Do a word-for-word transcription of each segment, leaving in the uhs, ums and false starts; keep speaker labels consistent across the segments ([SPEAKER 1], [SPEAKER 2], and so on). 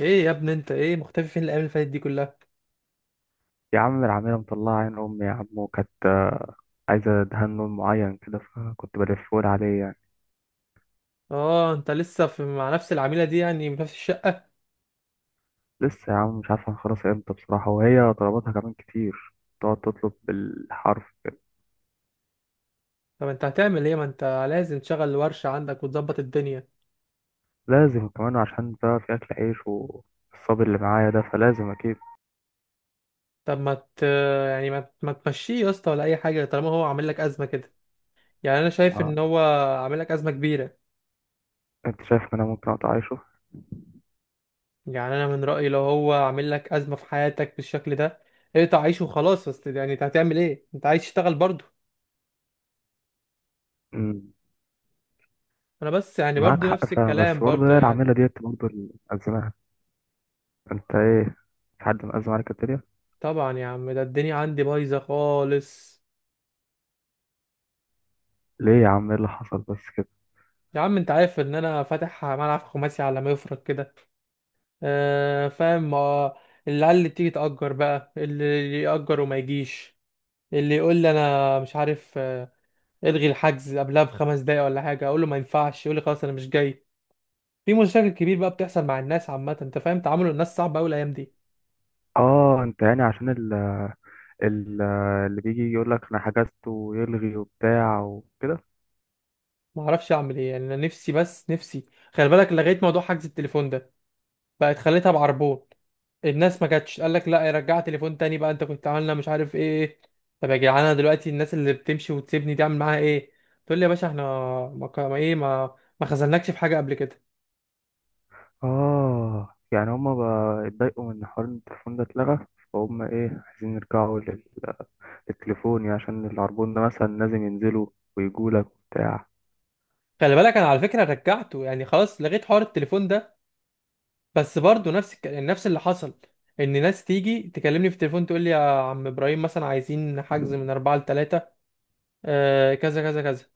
[SPEAKER 1] ايه يا ابني، انت ايه مختفي فين الايام اللي فاتت دي كلها؟
[SPEAKER 2] يا عم، العمالة مطلعة عين أمي يا عم، وكانت عايزة دهان لون معين كده، فكنت بلفهولي عليه يعني.
[SPEAKER 1] اه، انت لسه في مع نفس العميله دي يعني في نفس الشقه؟
[SPEAKER 2] لسه يا عم، مش عارف هنخلصها امتى بصراحة، وهي طلباتها كمان كتير، تقعد تطلب بالحرف.
[SPEAKER 1] طب انت هتعمل ايه، ما انت لازم تشغل ورشه عندك وتظبط الدنيا.
[SPEAKER 2] لازم كمان، عشان بقى في أكل عيش، والصبر اللي معايا ده فلازم أكيد.
[SPEAKER 1] طب ما ت... يعني ما, ما تمشيه يا اسطى ولا اي حاجه طالما هو عامل لك ازمه كده. يعني انا شايف
[SPEAKER 2] ما-
[SPEAKER 1] ان هو عامل لك ازمه كبيره.
[SPEAKER 2] أنت شايف إن أنا ممكن أقطع عيشه؟
[SPEAKER 1] يعني انا من رايي لو هو عامل لك ازمه في حياتك بالشكل ده اقطع عيشه وخلاص، بس يعني انت هتعمل ايه، انت عايز تشتغل برضه.
[SPEAKER 2] أمم،
[SPEAKER 1] انا بس يعني
[SPEAKER 2] معاك
[SPEAKER 1] برضه
[SPEAKER 2] حق
[SPEAKER 1] نفس
[SPEAKER 2] فعلا، بس
[SPEAKER 1] الكلام
[SPEAKER 2] برضه
[SPEAKER 1] برضه
[SPEAKER 2] هي
[SPEAKER 1] يعني.
[SPEAKER 2] العمالة ديت برضه اللي مأزماها. أنت إيه؟ في حد مأزم عليك الدنيا؟
[SPEAKER 1] طبعا يا عم، ده الدنيا عندي بايظه خالص.
[SPEAKER 2] ليه يا عم، إيه اللي حصل بس كده؟
[SPEAKER 1] يا عم انت عارف ان انا فاتح ملعب خماسي على ما يفرق كده، آه فاهم، آه، العيال اللي تيجي تأجر بقى، اللي يأجر وما يجيش، اللي يقول لي انا مش عارف، آه، الغي الحجز قبلها بخمس دقايق ولا حاجه، اقول له ما ينفعش، يقول لي خلاص انا مش جاي. في مشاكل كبير بقى بتحصل مع الناس عامه، انت فاهم، تعامل الناس صعب قوي الايام دي.
[SPEAKER 2] آه أنت يعني عشان ال- اللي بيجي يقول لك انا حجزته ويلغي وبتاع وكده.
[SPEAKER 1] ما اعرفش اعمل ايه يعني، انا نفسي بس نفسي. خلي بالك لغيت موضوع حجز التليفون ده، بقت خليتها بعربون. الناس ما كانتش، قال لك لا يرجع تليفون تاني بقى، انت كنت عاملنا مش عارف ايه. طب يا جدعان انا دلوقتي الناس اللي بتمشي وتسيبني دي اعمل معاها ايه؟ تقول لي يا باشا احنا ما ك- ما ايه ما ما خذلناكش في حاجه قبل كده.
[SPEAKER 2] اه يعني هما بقى اتضايقوا من حوار ان التليفون ده اتلغى، فهم ايه عايزين يرجعوا لل- للتليفون يعني، عشان العربون ده مثلا لازم ينزلوا ويجوا لك وبتاع.
[SPEAKER 1] خلي بالك انا على فكره رجعته، يعني خلاص لغيت حوار التليفون ده، بس برضه نفس الك... نفس اللي حصل، ان ناس تيجي تكلمني في التليفون تقول لي يا عم ابراهيم مثلا عايزين حجز من اربعة ل تلاتة، آه كذا كذا كذا،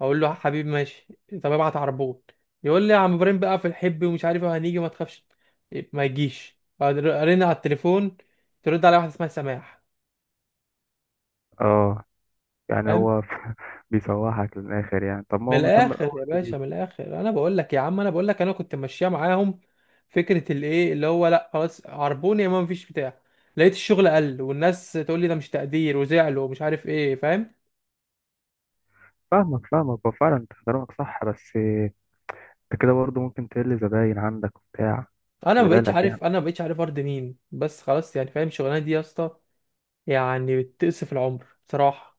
[SPEAKER 1] اقول له حبيبي ماشي، طب ابعت عربون، يقول لي يا عم ابراهيم بقى في الحب ومش عارف إيه، هنيجي ما تخافش، ما يجيش، ارن على التليفون ترد على واحده اسمها سماح،
[SPEAKER 2] اه يعني
[SPEAKER 1] فاهم.
[SPEAKER 2] هو بيسوحك للاخر يعني، طب ما
[SPEAKER 1] من
[SPEAKER 2] هو مهتم
[SPEAKER 1] الاخر
[SPEAKER 2] الاول
[SPEAKER 1] يا باشا،
[SPEAKER 2] بيجيب.
[SPEAKER 1] من الاخر، انا بقول لك يا عم، انا بقول لك انا كنت ماشيه معاهم فكره الايه اللي هو لا خلاص عربون يا ما مفيش بتاع، لقيت الشغل قل والناس تقول لي ده مش تقدير وزعلوا ومش عارف ايه، فاهم.
[SPEAKER 2] فاهمك فاهمك، هو فعلا انت كلامك صح، بس انت كده برضه ممكن تقل زباين عندك وبتاع،
[SPEAKER 1] انا
[SPEAKER 2] خلي
[SPEAKER 1] ما بقتش
[SPEAKER 2] بالك يعني.
[SPEAKER 1] عارف انا ما بقتش عارف ارضي مين بس خلاص يعني، فاهم الشغلانه دي يا اسطى، يعني بتقصف العمر بصراحه.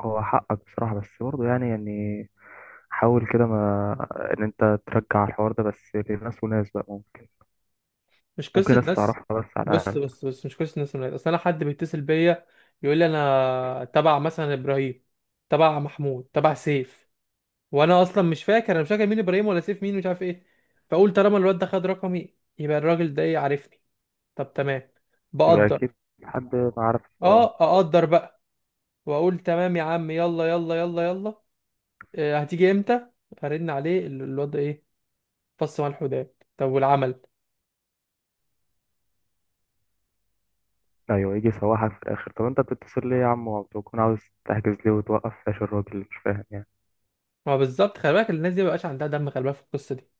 [SPEAKER 2] هو حقك بصراحة، بس برضه يعني يعني حاول كده، ما ان انت ترجع الحوار ده بس لناس وناس بقى، ممكن
[SPEAKER 1] مش
[SPEAKER 2] ممكن
[SPEAKER 1] قصه
[SPEAKER 2] ناس
[SPEAKER 1] ناس،
[SPEAKER 2] تعرفها بس على
[SPEAKER 1] بص
[SPEAKER 2] الاقل.
[SPEAKER 1] بص بص مش قصه ناس من العيله، اصل انا حد بيتصل بيا يقول لي انا تبع مثلا ابراهيم، تبع محمود، تبع سيف، وانا اصلا مش فاكر، انا مش فاكر مين ابراهيم ولا سيف مين، مش عارف ايه. فاقول طالما الواد ده خد رقمي يبقى الراجل ده ايه عارفني، طب تمام،
[SPEAKER 2] يبقى اكيد
[SPEAKER 1] بقدر،
[SPEAKER 2] حد ما عارف. اه
[SPEAKER 1] اه اقدر بقى، واقول تمام يا عم يلا يلا يلا يلا، آه، هتيجي امتى؟ ارن عليه ال- الواد ده ايه، فص ملح وداب. طب والعمل؟
[SPEAKER 2] ايوه، يجي يسوحك في الاخر. طب انت بتتصل ليه يا عم، وبتكون عاوز تحجز ليه، وتوقف فلاش الراجل اللي مش فاهم يعني.
[SPEAKER 1] ما هو بالظبط، خلي بالك الناس دي مبقاش عندها دم، خلي بالك في القصه دي.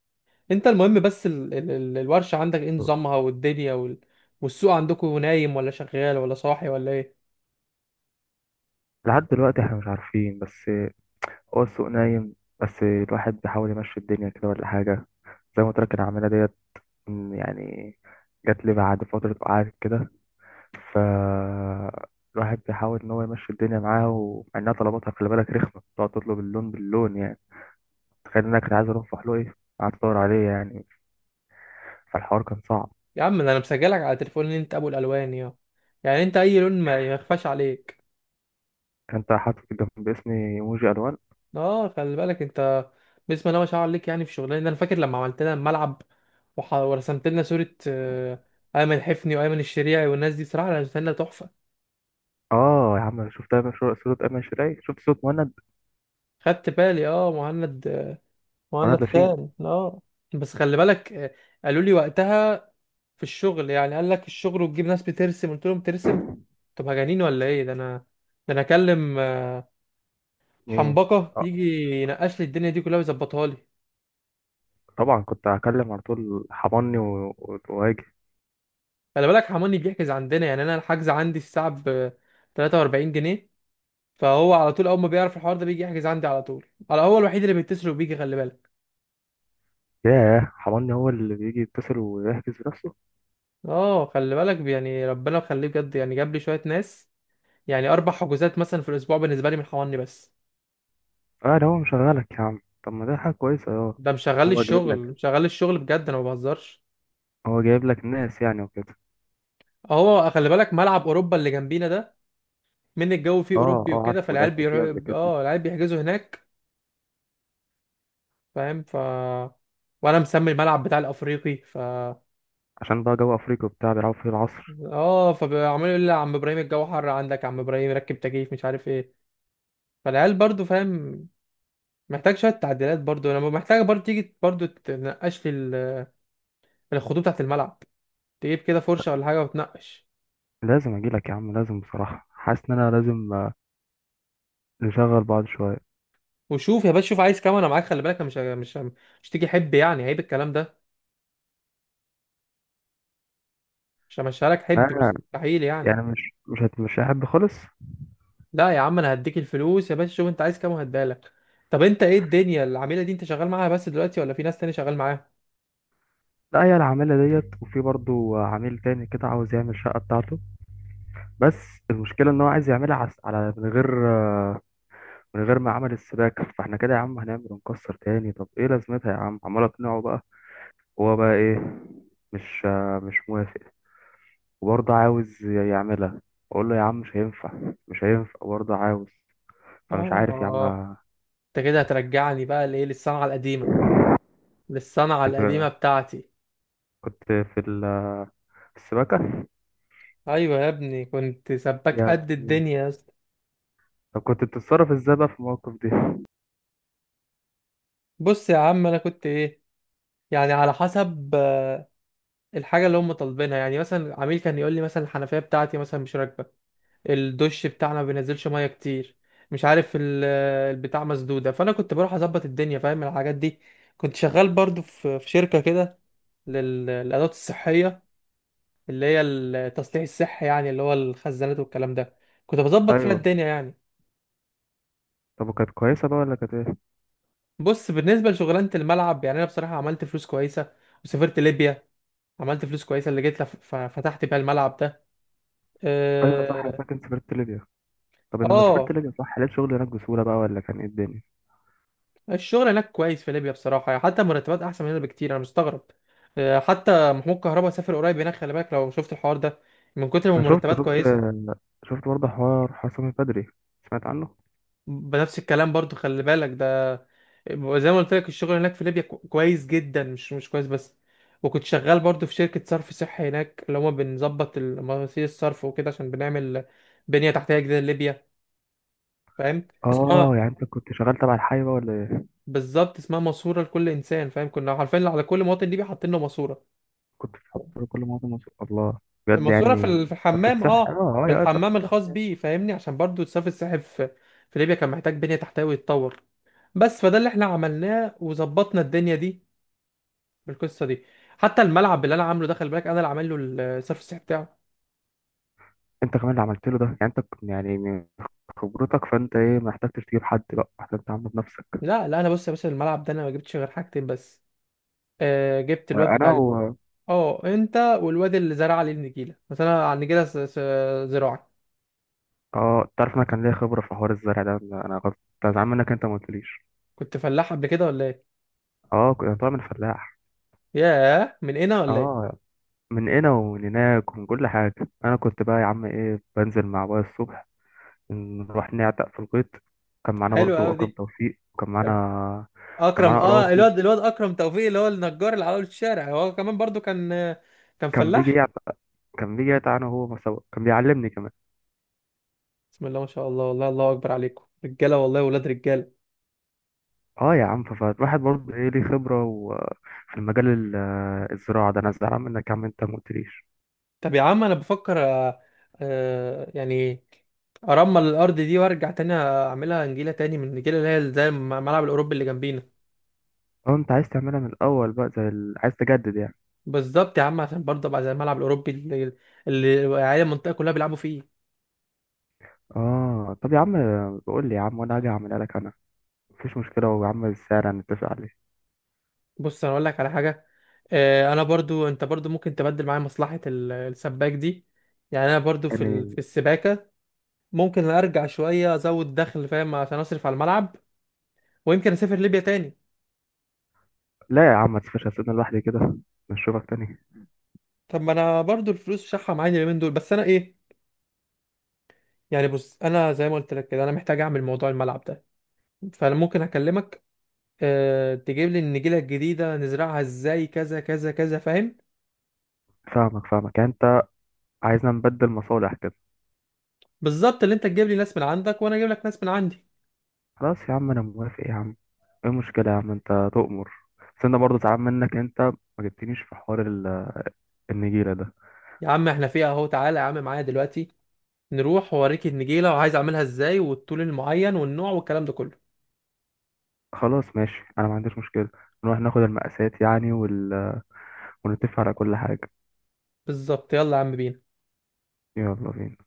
[SPEAKER 1] انت المهم بس ال... ال... ال- الورشة عندك ايه نظامها، والدنيا وال... والسوق عندكم نايم ولا شغال ولا صاحي ولا ايه؟
[SPEAKER 2] لحد دلوقتي احنا مش عارفين، بس هو السوق نايم، بس الواحد بيحاول يمشي الدنيا كده ولا حاجة. زي ما قلت لك العمالة ديت يعني، جات لي بعد فترة قعدت كده، فالواحد بيحاول إن هو يمشي الدنيا معاه، ومع إنها طلباتها، خلي بالك رخمة، تقعد تطلب اللون باللون يعني. تخيل إنك كنت عايز أروح فحلوقي، قعدت أدور عليه يعني، فالحوار كان صعب.
[SPEAKER 1] يا عم ده انا مسجلك على تليفون ان انت ابو الالوان، يا يعني انت اي لون ما ما يخفاش عليك.
[SPEAKER 2] أنت حاطط جنب اسمي إيموجي ألوان.
[SPEAKER 1] اه خلي بالك انت، بسم الله ما شاء الله عليك، يعني في شغلنا انا فاكر لما عملت لنا الملعب وح... ورسمت لنا صورة، آه، ايمن حفني وايمن الشريعي والناس دي، بصراحة رسمت لنا تحفة.
[SPEAKER 2] آه يا عم، أنا شفت أيمن، شو- صورة أيمن، شراي شفت صورة مهند،
[SPEAKER 1] خدت بالي، اه مهند، وانا
[SPEAKER 2] مهند لاشين.
[SPEAKER 1] اتخان اه. بس خلي بالك، آه، قالوا لي وقتها في الشغل يعني، قال لك الشغل وتجيب ناس بترسم، قلت لهم ترسم؟ طب هجانين ولا ايه، ده انا ده انا اكلم، آه،
[SPEAKER 2] إيه؟
[SPEAKER 1] حنبقه
[SPEAKER 2] آه
[SPEAKER 1] يجي ينقش لي الدنيا دي كلها ويظبطها لي.
[SPEAKER 2] طبعا، كنت هكلم على طول حضني و- و- وأجي.
[SPEAKER 1] خلي بالك حماني بيحجز عندنا، يعني انا الحجز عندي الساعه ب تلاتة وأربعين جنيه، فهو على طول اول ما بيعرف الحوار ده بيجي يحجز عندي على طول، على هو الوحيد اللي بيتصل وبيجي، خلي بالك.
[SPEAKER 2] ياه، حضني هو اللي بيجي يتصل ويحجز بنفسه.
[SPEAKER 1] اه خلي بالك يعني ربنا يخليه بجد، يعني جاب لي شويه ناس، يعني اربع حجوزات مثلا في الاسبوع بالنسبه لي من حواني بس.
[SPEAKER 2] اه ده هو مشغلك يا عم، طب ما ده حاجة كويسة، اه.
[SPEAKER 1] ده
[SPEAKER 2] يعني
[SPEAKER 1] مشغل لي
[SPEAKER 2] هو جايب
[SPEAKER 1] الشغل،
[SPEAKER 2] لك
[SPEAKER 1] مشغل لي الشغل بجد، انا ما بهزرش.
[SPEAKER 2] هو جايب لك ناس يعني وكده.
[SPEAKER 1] اهو خلي بالك ملعب اوروبا اللي جنبينا ده، من الجو فيه
[SPEAKER 2] اه
[SPEAKER 1] اوروبي
[SPEAKER 2] اه،
[SPEAKER 1] وكده،
[SPEAKER 2] عارفه،
[SPEAKER 1] فالعيال
[SPEAKER 2] لعبت فيه قبل
[SPEAKER 1] بيروحوا
[SPEAKER 2] كده.
[SPEAKER 1] اه العيال بيحجزوا هناك، فاهم. ف وانا مسمي الملعب بتاع الافريقي، ف
[SPEAKER 2] عشان بقى جو افريقيا وبتاع بيلعبوا فيه العصر.
[SPEAKER 1] اه فعمال يقول لي يا عم ابراهيم الجو حر عندك، يا عم ابراهيم ركب تكييف مش عارف ايه. فالعيال برضو، فاهم، محتاج شويه تعديلات، برضو انا محتاج برضو تيجي برضو تنقش لي ال- الخطوط بتاعت الملعب، تجيب كده فرشه ولا حاجه وتنقش.
[SPEAKER 2] لازم اجي لك يا عم، لازم بصراحه، حاسس ان انا لازم آه، نشغل بعض شويه.
[SPEAKER 1] وشوف يا باشا، شوف عايز كام، انا معاك، خلي بالك. أنا مش مش مش تيجي حب، يعني عيب الكلام ده، مش همشيها لك حب
[SPEAKER 2] ما
[SPEAKER 1] مستحيل يعني.
[SPEAKER 2] يعني مش مش هت مش هحب خالص.
[SPEAKER 1] لا يا عم انا هديك الفلوس يا باشا، شوف انت عايز كام وهديها لك. طب انت ايه الدنيا العميله دي، انت شغال معاها بس دلوقتي ولا في ناس تاني شغال معاها؟
[SPEAKER 2] لا، هي العامله ديت، وفي برضو عميل تاني كده عاوز يعمل الشقه بتاعته، بس المشكله ان هو عايز يعملها على على- من غير آه، من غير ما عمل السباكه. فاحنا كده يا عم هنعمل ونكسر تاني، طب ايه لازمتها يا عم، عمال اقنعه بقى. هو بقى ايه؟ مش آه، مش موافق، وبرضه عاوز يعملها. اقول له يا عم مش هينفع، مش هينفع، برضه عاوز. فمش عارف يا عم.
[SPEAKER 1] اه انت كده هترجعني بقى لايه، للصنعه القديمه، للصنعه القديمه
[SPEAKER 2] انت
[SPEAKER 1] بتاعتي.
[SPEAKER 2] كنت في ال- في السباكة
[SPEAKER 1] ايوه يا ابني كنت سباك
[SPEAKER 2] يا
[SPEAKER 1] قد
[SPEAKER 2] ابني.
[SPEAKER 1] الدنيا يا اسطى.
[SPEAKER 2] طب كنت بتتصرف ازاي بقى في المواقف دي؟
[SPEAKER 1] بص يا عم انا كنت ايه، يعني على حسب، آه، الحاجه اللي هم طالبينها، يعني مثلا عميل كان يقول لي مثلا الحنفيه بتاعتي مثلا مش راكبه، الدش بتاعنا ما بينزلش ميه كتير، مش عارف ال- البتاع مسدوده، فانا كنت بروح اظبط الدنيا، فاهم الحاجات دي. كنت شغال برضو في في شركه كده، لل- للادوات الصحيه، اللي هي التصليح الصحي يعني، اللي هو الخزانات والكلام ده، كنت بظبط فيها
[SPEAKER 2] ايوه.
[SPEAKER 1] الدنيا يعني.
[SPEAKER 2] طب وكانت كويسة بقى ولا كانت ايه؟
[SPEAKER 1] بص بالنسبه لشغلانه الملعب، يعني انا بصراحه عملت فلوس كويسه وسافرت ليبيا، عملت فلوس كويسه اللي جيت لف- ف- فتحت بيها الملعب ده،
[SPEAKER 2] ايوه صح، انا
[SPEAKER 1] اه.
[SPEAKER 2] فاكر إنت سافرت ليبيا. طب لما سافرت
[SPEAKER 1] آه،
[SPEAKER 2] ليبيا صح، لقيت شغل هناك بسهولة بقى، ولا كان ايه الدنيا؟
[SPEAKER 1] الشغل هناك كويس في ليبيا بصراحة يعني، حتى مرتبات أحسن من هنا بكتير، أنا مستغرب. آه، حتى محمود كهربا سافر قريب هناك، خلي بالك لو شفت الحوار ده، من كتر ما
[SPEAKER 2] انا شفت،
[SPEAKER 1] المرتبات
[SPEAKER 2] شفت
[SPEAKER 1] كويسة.
[SPEAKER 2] شفت برضه حوار حسام البدري، سمعت عنه.
[SPEAKER 1] بنفس الكلام برضو، خلي بالك ده، زي ما قلت لك الشغل هناك في ليبيا كو- كويس جدا، مش مش كويس بس. وكنت شغال برضو في شركة صرف صحي هناك، اللي هما بنظبط المواسير الصرف وكده، عشان بنعمل بنية تحتية جديدة لليبيا، فاهم اسمها؟
[SPEAKER 2] اه يعني انت كنت شغال تبع الحي بقى ولا ايه؟
[SPEAKER 1] بالظبط اسمها ماسورة لكل إنسان، فاهم، كنا عارفين على كل مواطن ليبي حاطين له ماسورة.
[SPEAKER 2] كنت بتحضر كل مواد مصر، الله، بجد
[SPEAKER 1] الماسوره في
[SPEAKER 2] يعني.
[SPEAKER 1] ال- في
[SPEAKER 2] صرف
[SPEAKER 1] الحمام،
[SPEAKER 2] الصح،
[SPEAKER 1] اه
[SPEAKER 2] اه اه،
[SPEAKER 1] في
[SPEAKER 2] يا صرف
[SPEAKER 1] الحمام
[SPEAKER 2] الصح.
[SPEAKER 1] الخاص بيه، فاهمني، عشان برضو الصرف الصحي في في ليبيا كان محتاج بنية تحتوي يتطور. بس فده اللي احنا عملناه وظبطنا الدنيا دي بالقصه دي. حتى الملعب اللي انا عامله ده، خلي بالك انا اللي عامل له الصرف الصحي بتاعه.
[SPEAKER 2] انت كمان اللي عملت له ده، يعني انت ك- يعني من خبرتك، فانت ايه ما احتجتش تجيب حد، بقى احسن تعمل بنفسك.
[SPEAKER 1] لا لا انا، بص يا باشا الملعب ده انا ما جبتش غير حاجتين بس، آه جبت
[SPEAKER 2] آه،
[SPEAKER 1] الواد بتاع
[SPEAKER 2] انا
[SPEAKER 1] ال...
[SPEAKER 2] و
[SPEAKER 1] اه انت والواد اللي زرع عليه النجيله، مثلا على النجيله س- س- زراعي.
[SPEAKER 2] اه تعرف انا كان ليا خبره في حوار الزرع ده. انا أنا غلط، كنت زعلان منك انت ما قلتليش.
[SPEAKER 1] كنت فلاح قبل كده ولا ايه؟
[SPEAKER 2] اه كنت طالع من فلاح.
[SPEAKER 1] ياه من هنا ولا ايه؟
[SPEAKER 2] اه من هنا ومن هناك ومن كل حاجه. انا كنت بقى يا عم ايه، بنزل مع ابويا الصبح، نروح نعتق في الغيط. كان
[SPEAKER 1] طب
[SPEAKER 2] معانا
[SPEAKER 1] حلو
[SPEAKER 2] برضو
[SPEAKER 1] قوي دي.
[SPEAKER 2] اكرم توفيق، وكان معانا، كان
[SPEAKER 1] اكرم،
[SPEAKER 2] معانا
[SPEAKER 1] اه
[SPEAKER 2] اراوخو،
[SPEAKER 1] الواد الواد اكرم توفيق اللي هو النجار اللي على أول الشارع، هو كمان برضو كان كان
[SPEAKER 2] كان بيجي
[SPEAKER 1] فلاح.
[SPEAKER 2] كان بيجي يتعانى هو سوا، كان بيعلمني كمان.
[SPEAKER 1] بسم الله ما شاء الله، والله الله اكبر عليكم رجاله، والله ولاد رجاله.
[SPEAKER 2] اه يا عم، ف- فالواحد برضه ايه ليه خبرة و... في المجال ال- الزراعة ده. انا زعلان منك يا عم انت ما قلتليش.
[SPEAKER 1] طب يا عم انا بفكر، آه، آه، يعني ارمل الارض دي وارجع تاني اعملها نجيله تاني من النجيله اللي هي زي الملعب الاوروبي اللي جنبينا.
[SPEAKER 2] اه، انت عايز تعملها من الاول بقى، زي ال... عايز تجدد يعني.
[SPEAKER 1] بالظبط يا عم، عشان برضه ابقى زي الملعب الاوروبي اللي اللي العيال المنطقه كلها بيلعبوا فيه.
[SPEAKER 2] اه طب يا عم، بقول لي يا عم وانا هاجي اعملها لك انا، مفيش مشكلة، ويا عم السعر هنتفق عليه
[SPEAKER 1] بص انا اقول لك على حاجه، آه، انا برضو انت برضو ممكن تبدل معايا مصلحه ال- السباك دي، يعني انا برضو في ال-
[SPEAKER 2] يعني.
[SPEAKER 1] في السباكه، ممكن ارجع شويه ازود دخل، فاهم، عشان اصرف على الملعب، ويمكن اسافر ليبيا تاني.
[SPEAKER 2] لا يا عم، ما تسيبش، هسيبنا لوحدي كده، نشوفك تاني.
[SPEAKER 1] طب ما انا برضو الفلوس شحه معايا اليومين دول، بس انا ايه يعني، بص انا زي ما قلت لك كده، انا محتاج اعمل موضوع الملعب ده، فانا ممكن اكلمك، أه تجيب لي النجيله الجديده نزرعها ازاي كذا كذا كذا، فاهم.
[SPEAKER 2] فاهمك فاهمك، يعني انت عايزنا نبدل مصالح.
[SPEAKER 1] بالظبط، اللي انت تجيب لي ناس من عندك وانا اجيب لك ناس من عندي.
[SPEAKER 2] خلاص يا عم، انا موافق يا عم، ايه المشكله يا عم، انت تؤمر. بس انا برضه زعلان منك انت ما جبتنيش في حوار ال- آه، النجيله ده.
[SPEAKER 1] يا عم احنا فيها اهو، تعالى يا عم معايا دلوقتي نروح وأوريك النجيلة وعايز أعملها إزاي والطول المعين والنوع والكلام ده كله.
[SPEAKER 2] خلاص ماشي، انا ما عنديش مشكله، نروح ناخد المقاسات يعني، وال... آه، ونتفق على كل حاجه.
[SPEAKER 1] بالظبط، يلا يا عم بينا.
[SPEAKER 2] يلا بينا.